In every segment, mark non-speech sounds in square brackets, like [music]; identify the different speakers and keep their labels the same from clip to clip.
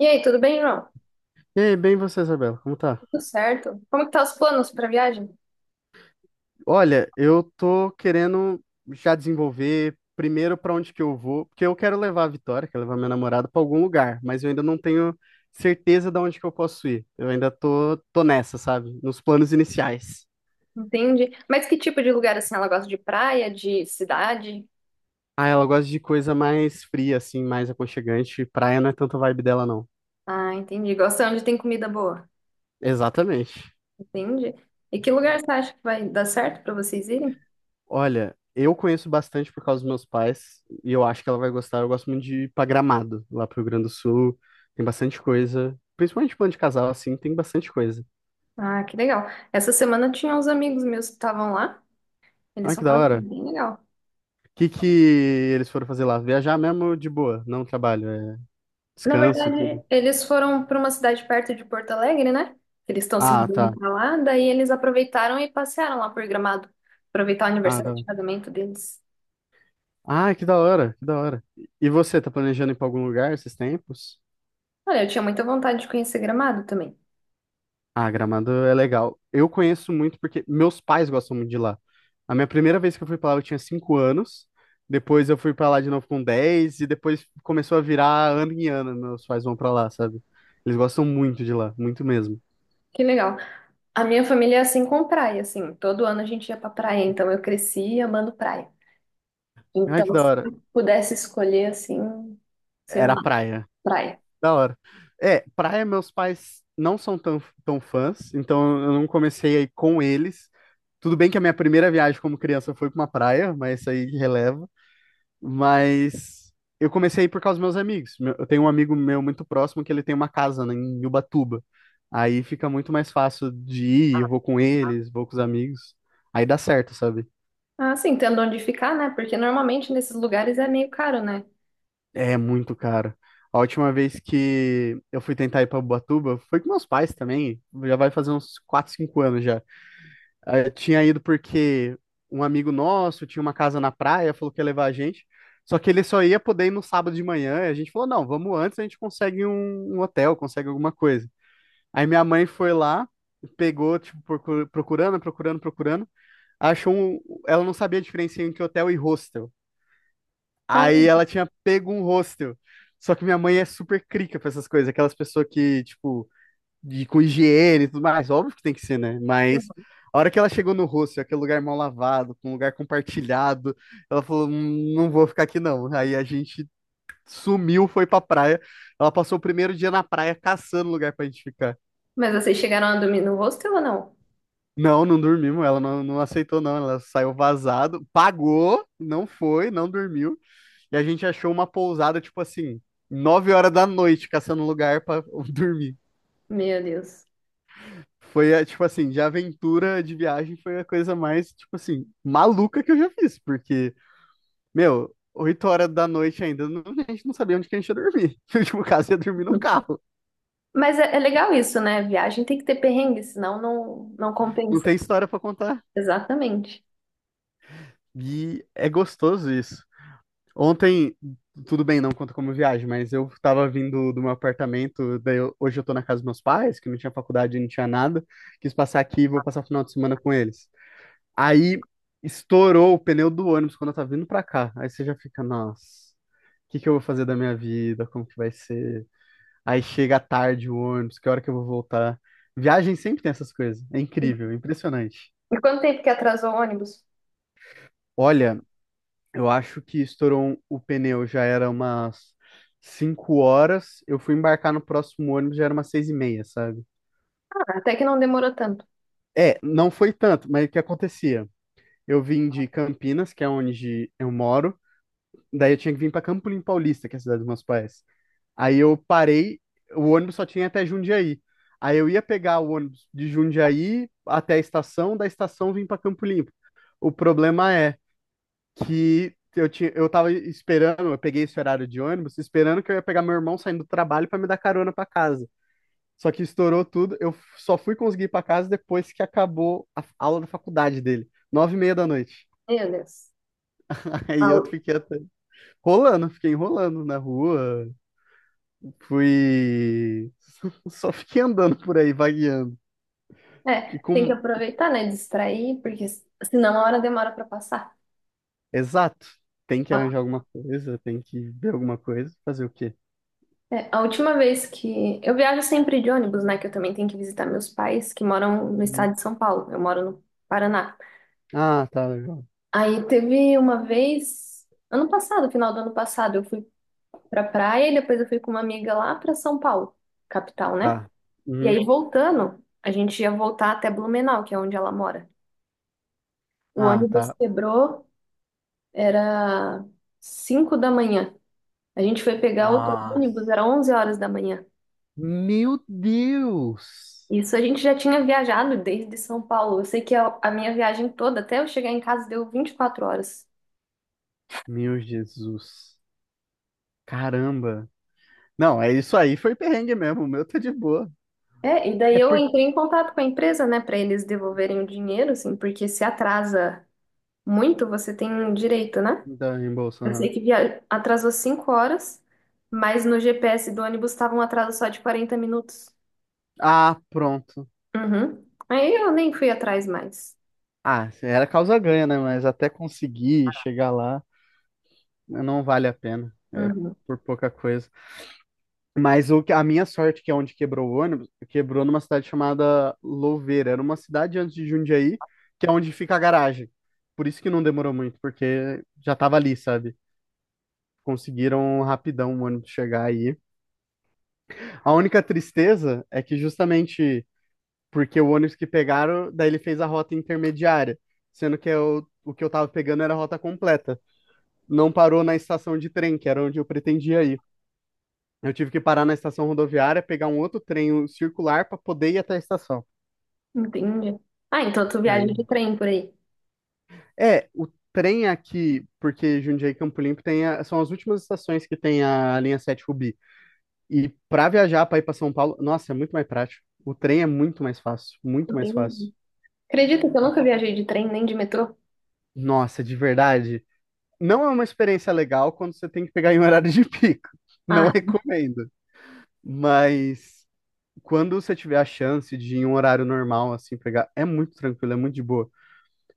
Speaker 1: E aí, tudo bem, João?
Speaker 2: E aí, bem você, Isabela, como tá?
Speaker 1: Tudo certo? Como que tá os planos para viagem?
Speaker 2: Olha, eu tô querendo já desenvolver primeiro pra onde que eu vou, porque eu quero levar a Vitória, quero levar minha namorada pra algum lugar, mas eu ainda não tenho certeza de onde que eu posso ir. Eu ainda tô nessa, sabe? Nos planos iniciais.
Speaker 1: Entendi. Mas que tipo de lugar assim ela gosta de praia, de cidade?
Speaker 2: Ah, ela gosta de coisa mais fria, assim, mais aconchegante. Praia não é tanto a vibe dela, não.
Speaker 1: Ah, entendi. Gosta onde tem comida boa.
Speaker 2: Exatamente.
Speaker 1: Entendi. E que lugar você acha que vai dar certo para vocês irem?
Speaker 2: Olha, eu conheço bastante por causa dos meus pais e eu acho que ela vai gostar. Eu gosto muito de ir pra Gramado, lá pro Rio Grande do Sul. Tem bastante coisa, principalmente plano de casal, assim, tem bastante coisa.
Speaker 1: Ah, que legal. Essa semana tinha uns amigos meus que estavam lá. Eles
Speaker 2: Olha que da
Speaker 1: falaram que é
Speaker 2: hora.
Speaker 1: bem legal.
Speaker 2: O que que eles foram fazer lá? Viajar mesmo de boa, não trabalho, é
Speaker 1: Na
Speaker 2: descanso e tudo.
Speaker 1: verdade, eles foram para uma cidade perto de Porto Alegre, né? Eles estão se
Speaker 2: Ah,
Speaker 1: mudando
Speaker 2: tá.
Speaker 1: para lá, daí eles aproveitaram e passearam lá por Gramado, aproveitar o
Speaker 2: Ah,
Speaker 1: aniversário
Speaker 2: tá.
Speaker 1: de casamento deles.
Speaker 2: Ah, que da hora, que da hora. E você, tá planejando ir pra algum lugar esses tempos?
Speaker 1: Olha, eu tinha muita vontade de conhecer Gramado também.
Speaker 2: Ah, Gramado é legal. Eu conheço muito porque meus pais gostam muito de lá. A minha primeira vez que eu fui pra lá eu tinha 5 anos. Depois eu fui pra lá de novo com 10 e depois começou a virar ano em ano. Meus pais vão pra lá, sabe? Eles gostam muito de lá, muito mesmo.
Speaker 1: Que legal. A minha família é assim com praia, assim. Todo ano a gente ia pra praia, então eu cresci amando praia.
Speaker 2: Ai, que
Speaker 1: Então,
Speaker 2: da
Speaker 1: se
Speaker 2: hora.
Speaker 1: eu pudesse escolher, assim, sei
Speaker 2: Era
Speaker 1: lá,
Speaker 2: praia.
Speaker 1: praia.
Speaker 2: Da hora. É, praia meus pais não são tão, tão fãs, então eu não comecei aí com eles. Tudo bem que a minha primeira viagem como criança foi pra uma praia, mas isso aí releva. Mas eu comecei a ir por causa dos meus amigos. Eu tenho um amigo meu muito próximo que ele tem uma casa, né, em Ubatuba. Aí fica muito mais fácil de ir, eu vou com eles, vou com os amigos. Aí dá certo, sabe?
Speaker 1: Ah, sim, tendo onde ficar, né? Porque normalmente nesses lugares é meio caro, né?
Speaker 2: É muito caro. A última vez que eu fui tentar ir pra Ubatuba foi com meus pais também. Já vai fazer uns 4, 5 anos já. Tinha ido porque um amigo nosso tinha uma casa na praia, falou que ia levar a gente. Só que ele só ia poder ir no sábado de manhã. E a gente falou: não, vamos antes, a gente consegue um hotel, consegue alguma coisa. Aí minha mãe foi lá, pegou, tipo, procurando, procurando, procurando. Achou um. Ela não sabia a diferença entre hotel e hostel.
Speaker 1: Ah,
Speaker 2: Aí ela tinha pego um hostel. Só que minha mãe é super crica pra essas coisas, aquelas pessoas que, tipo de, com higiene e tudo mais, óbvio que tem que ser, né? Mas a hora que ela chegou no hostel, aquele lugar mal lavado, com um lugar compartilhado, ela falou: não vou ficar aqui não." Aí a gente sumiu, foi pra praia. Ela passou o primeiro dia na praia caçando lugar pra gente ficar.
Speaker 1: mas vocês chegaram a dormir no hostel ou não?
Speaker 2: Não, não dormimos, ela não, não aceitou, não. Ela saiu vazado, pagou, não foi, não dormiu. E a gente achou uma pousada, tipo assim, 9 horas da noite, caçando lugar pra [laughs] dormir.
Speaker 1: Meu Deus.
Speaker 2: Foi, é, tipo assim, de aventura de viagem foi a coisa mais, tipo assim, maluca que eu já fiz, porque, meu, 8 horas da noite ainda, a gente não sabia onde que a gente ia dormir. [laughs] No último caso, ia dormir no
Speaker 1: [laughs]
Speaker 2: carro.
Speaker 1: Mas é, é legal isso, né? Viagem tem que ter perrengue, senão não
Speaker 2: Não
Speaker 1: compensa.
Speaker 2: tem história pra contar.
Speaker 1: Exatamente.
Speaker 2: E é gostoso isso. Ontem, tudo bem, não conta como viagem, mas eu tava vindo do meu apartamento, daí hoje eu tô na casa dos meus pais, que não tinha faculdade, não tinha nada, quis passar aqui e vou passar o final de semana com eles. Aí estourou o pneu do ônibus quando eu tava vindo pra cá. Aí você já fica, nossa, o que que eu vou fazer da minha vida? Como que vai ser? Aí chega tarde o ônibus, que hora que eu vou voltar? Viagem sempre tem essas coisas. É incrível, é impressionante.
Speaker 1: E quanto tempo que atrasou o ônibus?
Speaker 2: Olha, eu acho que estourou o pneu, já era umas 5 horas. Eu fui embarcar no próximo ônibus, já era umas 6h30, sabe?
Speaker 1: Até que não demorou tanto.
Speaker 2: É, não foi tanto, mas o que acontecia? Eu vim de Campinas, que é onde eu moro. Daí eu tinha que vir para Campolim Paulista, que é a cidade dos meus pais. Aí eu parei, o ônibus só tinha até Jundiaí. Aí eu ia pegar o ônibus de Jundiaí até a estação, da estação vim para Campo Limpo. O problema é que eu tava esperando, eu peguei esse horário de ônibus, esperando que eu ia pegar meu irmão saindo do trabalho para me dar carona para casa. Só que estourou tudo, eu só fui conseguir ir para casa depois que acabou a aula da faculdade dele, 9h30 da noite.
Speaker 1: Meu Deus.
Speaker 2: [laughs] Aí eu
Speaker 1: Au-
Speaker 2: fiquei até rolando, fiquei enrolando na rua. Fui. [laughs] Só fiquei andando por aí, vagueando. E
Speaker 1: É, tem que
Speaker 2: com.
Speaker 1: aproveitar, né? Distrair, porque senão a hora demora pra passar.
Speaker 2: Exato. Tem que
Speaker 1: Ah,
Speaker 2: arranjar alguma coisa, tem que ver alguma coisa. Fazer o quê?
Speaker 1: é, a última vez que. Eu viajo sempre de ônibus, né? Que eu também tenho que visitar meus pais, que moram no
Speaker 2: Uhum.
Speaker 1: estado de São Paulo. Eu moro no Paraná.
Speaker 2: Ah, tá, legal.
Speaker 1: Aí teve uma vez, ano passado, final do ano passado, eu fui pra praia e depois eu fui com uma amiga lá pra São Paulo, capital, né?
Speaker 2: Tá.
Speaker 1: E
Speaker 2: Uhum.
Speaker 1: aí voltando, a gente ia voltar até Blumenau, que é onde ela mora. O
Speaker 2: Ah,
Speaker 1: ônibus
Speaker 2: tá.
Speaker 1: quebrou, era 5 da manhã. A gente foi pegar outro
Speaker 2: Nossa.
Speaker 1: ônibus, era 11 horas da manhã.
Speaker 2: Meu Deus!
Speaker 1: Isso a gente já tinha viajado desde São Paulo. Eu sei que a minha viagem toda, até eu chegar em casa, deu 24 horas.
Speaker 2: Meu Jesus. Caramba. Não, é isso aí, foi perrengue mesmo. O meu tá de boa.
Speaker 1: É, e daí
Speaker 2: É
Speaker 1: eu
Speaker 2: porque.
Speaker 1: entrei em contato com a empresa, né, para eles devolverem o dinheiro, assim, porque se atrasa muito, você tem um direito, né?
Speaker 2: Da reembolso,
Speaker 1: Eu sei
Speaker 2: aham.
Speaker 1: que atrasou 5 horas, mas no GPS do ônibus estava um atraso só de 40 minutos.
Speaker 2: Ah, pronto.
Speaker 1: Uhum. Aí eu nem fui atrás mais.
Speaker 2: Ah, era causa ganha, né? Mas até conseguir chegar lá. Não vale a pena. É
Speaker 1: Uhum.
Speaker 2: por pouca coisa. Mas a minha sorte, que é onde quebrou o ônibus, quebrou numa cidade chamada Louveira. Era uma cidade antes de Jundiaí, que é onde fica a garagem. Por isso que não demorou muito, porque já tava ali, sabe? Conseguiram rapidão o ônibus chegar aí. A única tristeza é que justamente porque o ônibus que pegaram, daí ele fez a rota intermediária, sendo que eu, o que eu tava pegando era a rota completa. Não parou na estação de trem, que era onde eu pretendia ir. Eu tive que parar na estação rodoviária, pegar um outro trem, um circular, para poder ir até a estação.
Speaker 1: Entendi. Ah, então tu viaja
Speaker 2: Aí,
Speaker 1: de trem por aí.
Speaker 2: é, o trem aqui, porque Jundiaí e Campo Limpo são as últimas estações que tem a linha 7 Rubi. E para viajar para ir para São Paulo, nossa, é muito mais prático. O trem é muito mais fácil, muito mais fácil.
Speaker 1: Entendi. Acredita que eu nunca viajei de trem nem de metrô?
Speaker 2: Nossa, de verdade, não é uma experiência legal quando você tem que pegar em horário de pico. Não [laughs]
Speaker 1: Ah,
Speaker 2: recomendo. Mas quando você tiver a chance de ir em um horário normal assim pegar, é muito tranquilo, é muito de boa. Pra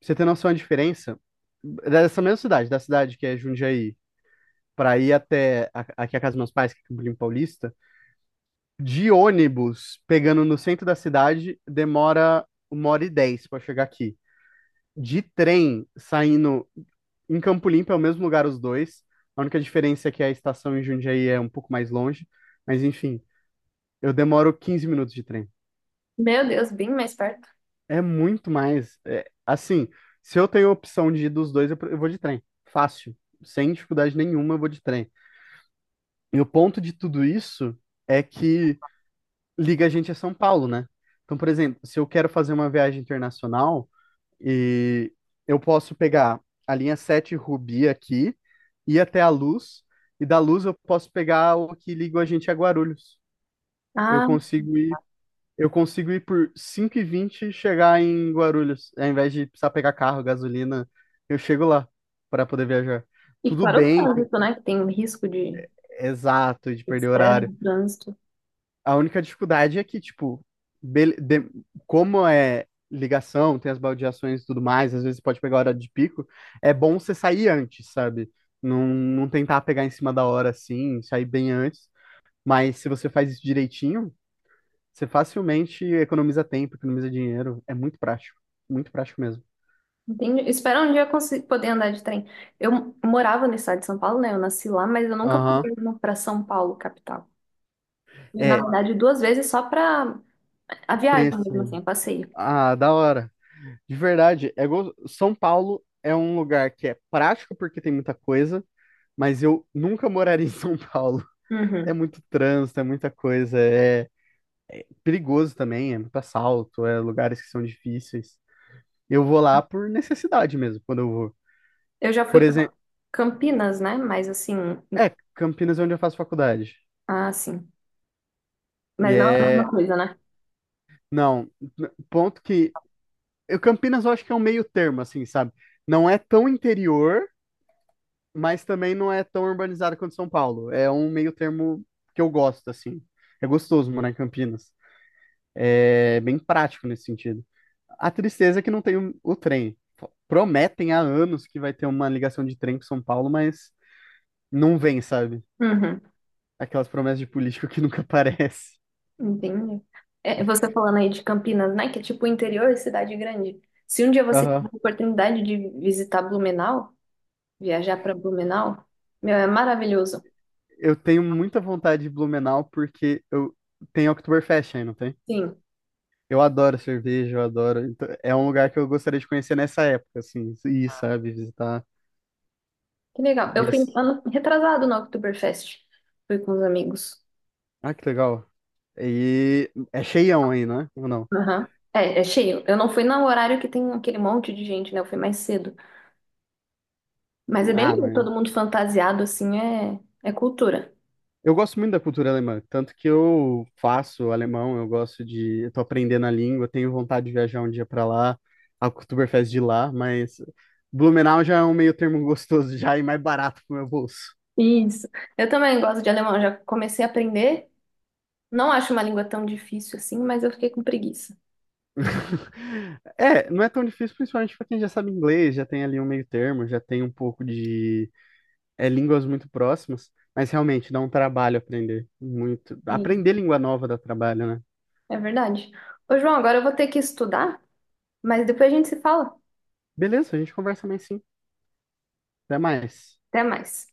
Speaker 2: você ter noção da diferença, dessa mesma cidade, da cidade que é Jundiaí, pra ir aqui a casa dos meus pais, que é Campo Limpo Paulista, de ônibus, pegando no centro da cidade, demora 1h10 pra chegar aqui. De trem, saindo em Campo Limpo, é o mesmo lugar os dois. A única diferença é que a estação em Jundiaí é um pouco mais longe, mas enfim, eu demoro 15 minutos de trem.
Speaker 1: meu Deus, bem mais perto.
Speaker 2: É muito mais. É, assim, se eu tenho a opção de ir dos dois, eu vou de trem. Fácil. Sem dificuldade nenhuma, eu vou de trem. E o ponto de tudo isso é que liga a gente a São Paulo, né? Então, por exemplo, se eu quero fazer uma viagem internacional e eu posso pegar a linha 7 Rubi aqui, ir até a Luz, e da Luz eu posso pegar o que liga a gente a Guarulhos. Eu
Speaker 1: Ah,
Speaker 2: consigo ir eu consigo ir por cinco e vinte e chegar em Guarulhos. Ao invés de precisar pegar carro, gasolina, eu chego lá para poder viajar.
Speaker 1: e
Speaker 2: Tudo
Speaker 1: claro, o
Speaker 2: bem,
Speaker 1: trânsito, né? Que tem o risco de
Speaker 2: exato, de perder
Speaker 1: estresse, de
Speaker 2: horário.
Speaker 1: trânsito.
Speaker 2: A única dificuldade é que, tipo, bele- de- como é ligação, tem as baldeações e tudo mais, às vezes pode pegar hora de pico, é bom você sair antes, sabe? Não, não tentar pegar em cima da hora assim, sair bem antes. Mas se você faz isso direitinho, você facilmente economiza tempo, economiza dinheiro. É muito prático. Muito prático mesmo.
Speaker 1: Entendi. Espero um dia eu poder andar de trem. Eu morava no estado de São Paulo, né? Eu nasci lá, mas eu nunca fui
Speaker 2: Aham.
Speaker 1: mesmo pra São Paulo, capital. E, na
Speaker 2: É,
Speaker 1: verdade, duas vezes só pra a viagem mesmo,
Speaker 2: conhecer.
Speaker 1: assim, o passeio.
Speaker 2: Ah, da hora. De verdade, São Paulo é um lugar que é prático porque tem muita coisa, mas eu nunca moraria em [laughs] São Paulo. É
Speaker 1: Uhum.
Speaker 2: muito trânsito, é muita coisa, é perigoso também, é muito assalto, é lugares que são difíceis. Eu vou lá por necessidade mesmo, quando eu vou.
Speaker 1: Eu já fui
Speaker 2: Por
Speaker 1: pra
Speaker 2: exemplo,
Speaker 1: Campinas, né? Mas assim,
Speaker 2: é, Campinas é onde eu faço faculdade.
Speaker 1: ah, sim.
Speaker 2: E
Speaker 1: Mas não é a mesma
Speaker 2: é.
Speaker 1: coisa, né?
Speaker 2: Não, ponto que eu, Campinas eu acho que é um meio termo, assim, sabe? Não é tão interior, mas também não é tão urbanizado quanto São Paulo. É um meio termo que eu gosto, assim. É gostoso morar em Campinas. É bem prático nesse sentido. A tristeza é que não tem o trem. Prometem há anos que vai ter uma ligação de trem para São Paulo, mas não vem, sabe?
Speaker 1: Uhum.
Speaker 2: Aquelas promessas de político que [laughs] nunca aparece.
Speaker 1: Entendi. É, você falando aí de Campinas, né? Que é tipo interior e cidade grande. Se um dia você tiver
Speaker 2: Aham.
Speaker 1: a oportunidade de visitar Blumenau, viajar para Blumenau, meu, é maravilhoso.
Speaker 2: Eu tenho muita vontade de Blumenau porque eu tem Oktoberfest aí, não tem?
Speaker 1: Sim,
Speaker 2: Eu adoro cerveja, eu adoro. Então, é um lugar que eu gostaria de conhecer nessa época, assim, ir, sabe, visitar.
Speaker 1: que legal. Eu
Speaker 2: E
Speaker 1: fui
Speaker 2: assim-
Speaker 1: ano retrasado no Oktoberfest. Fui com os amigos.
Speaker 2: Ah, que legal. E é cheião aí, né? Ou não?
Speaker 1: Aham. É, é cheio. Eu não fui no horário que tem aquele monte de gente, né? Eu fui mais cedo. Mas é bem
Speaker 2: Ah,
Speaker 1: legal,
Speaker 2: mas
Speaker 1: todo mundo fantasiado, assim, é, é cultura.
Speaker 2: eu gosto muito da cultura alemã, tanto que eu faço alemão, eu gosto de, eu tô aprendendo a língua, tenho vontade de viajar um dia pra lá, a Oktoberfest de lá, mas Blumenau já é um meio termo gostoso já e mais barato pro meu bolso.
Speaker 1: Isso. Eu também gosto de alemão, já comecei a aprender. Não acho uma língua tão difícil assim, mas eu fiquei com preguiça.
Speaker 2: [laughs] É, não é tão difícil, principalmente para quem já sabe inglês, já tem ali um meio termo, já tem um pouco de línguas muito próximas, mas realmente dá um trabalho aprender muito.
Speaker 1: Sim.
Speaker 2: Aprender língua nova dá trabalho, né?
Speaker 1: É verdade. Ô, João, agora eu vou ter que estudar, mas depois a gente se fala.
Speaker 2: Beleza, a gente conversa mais sim. Até mais.
Speaker 1: Até mais.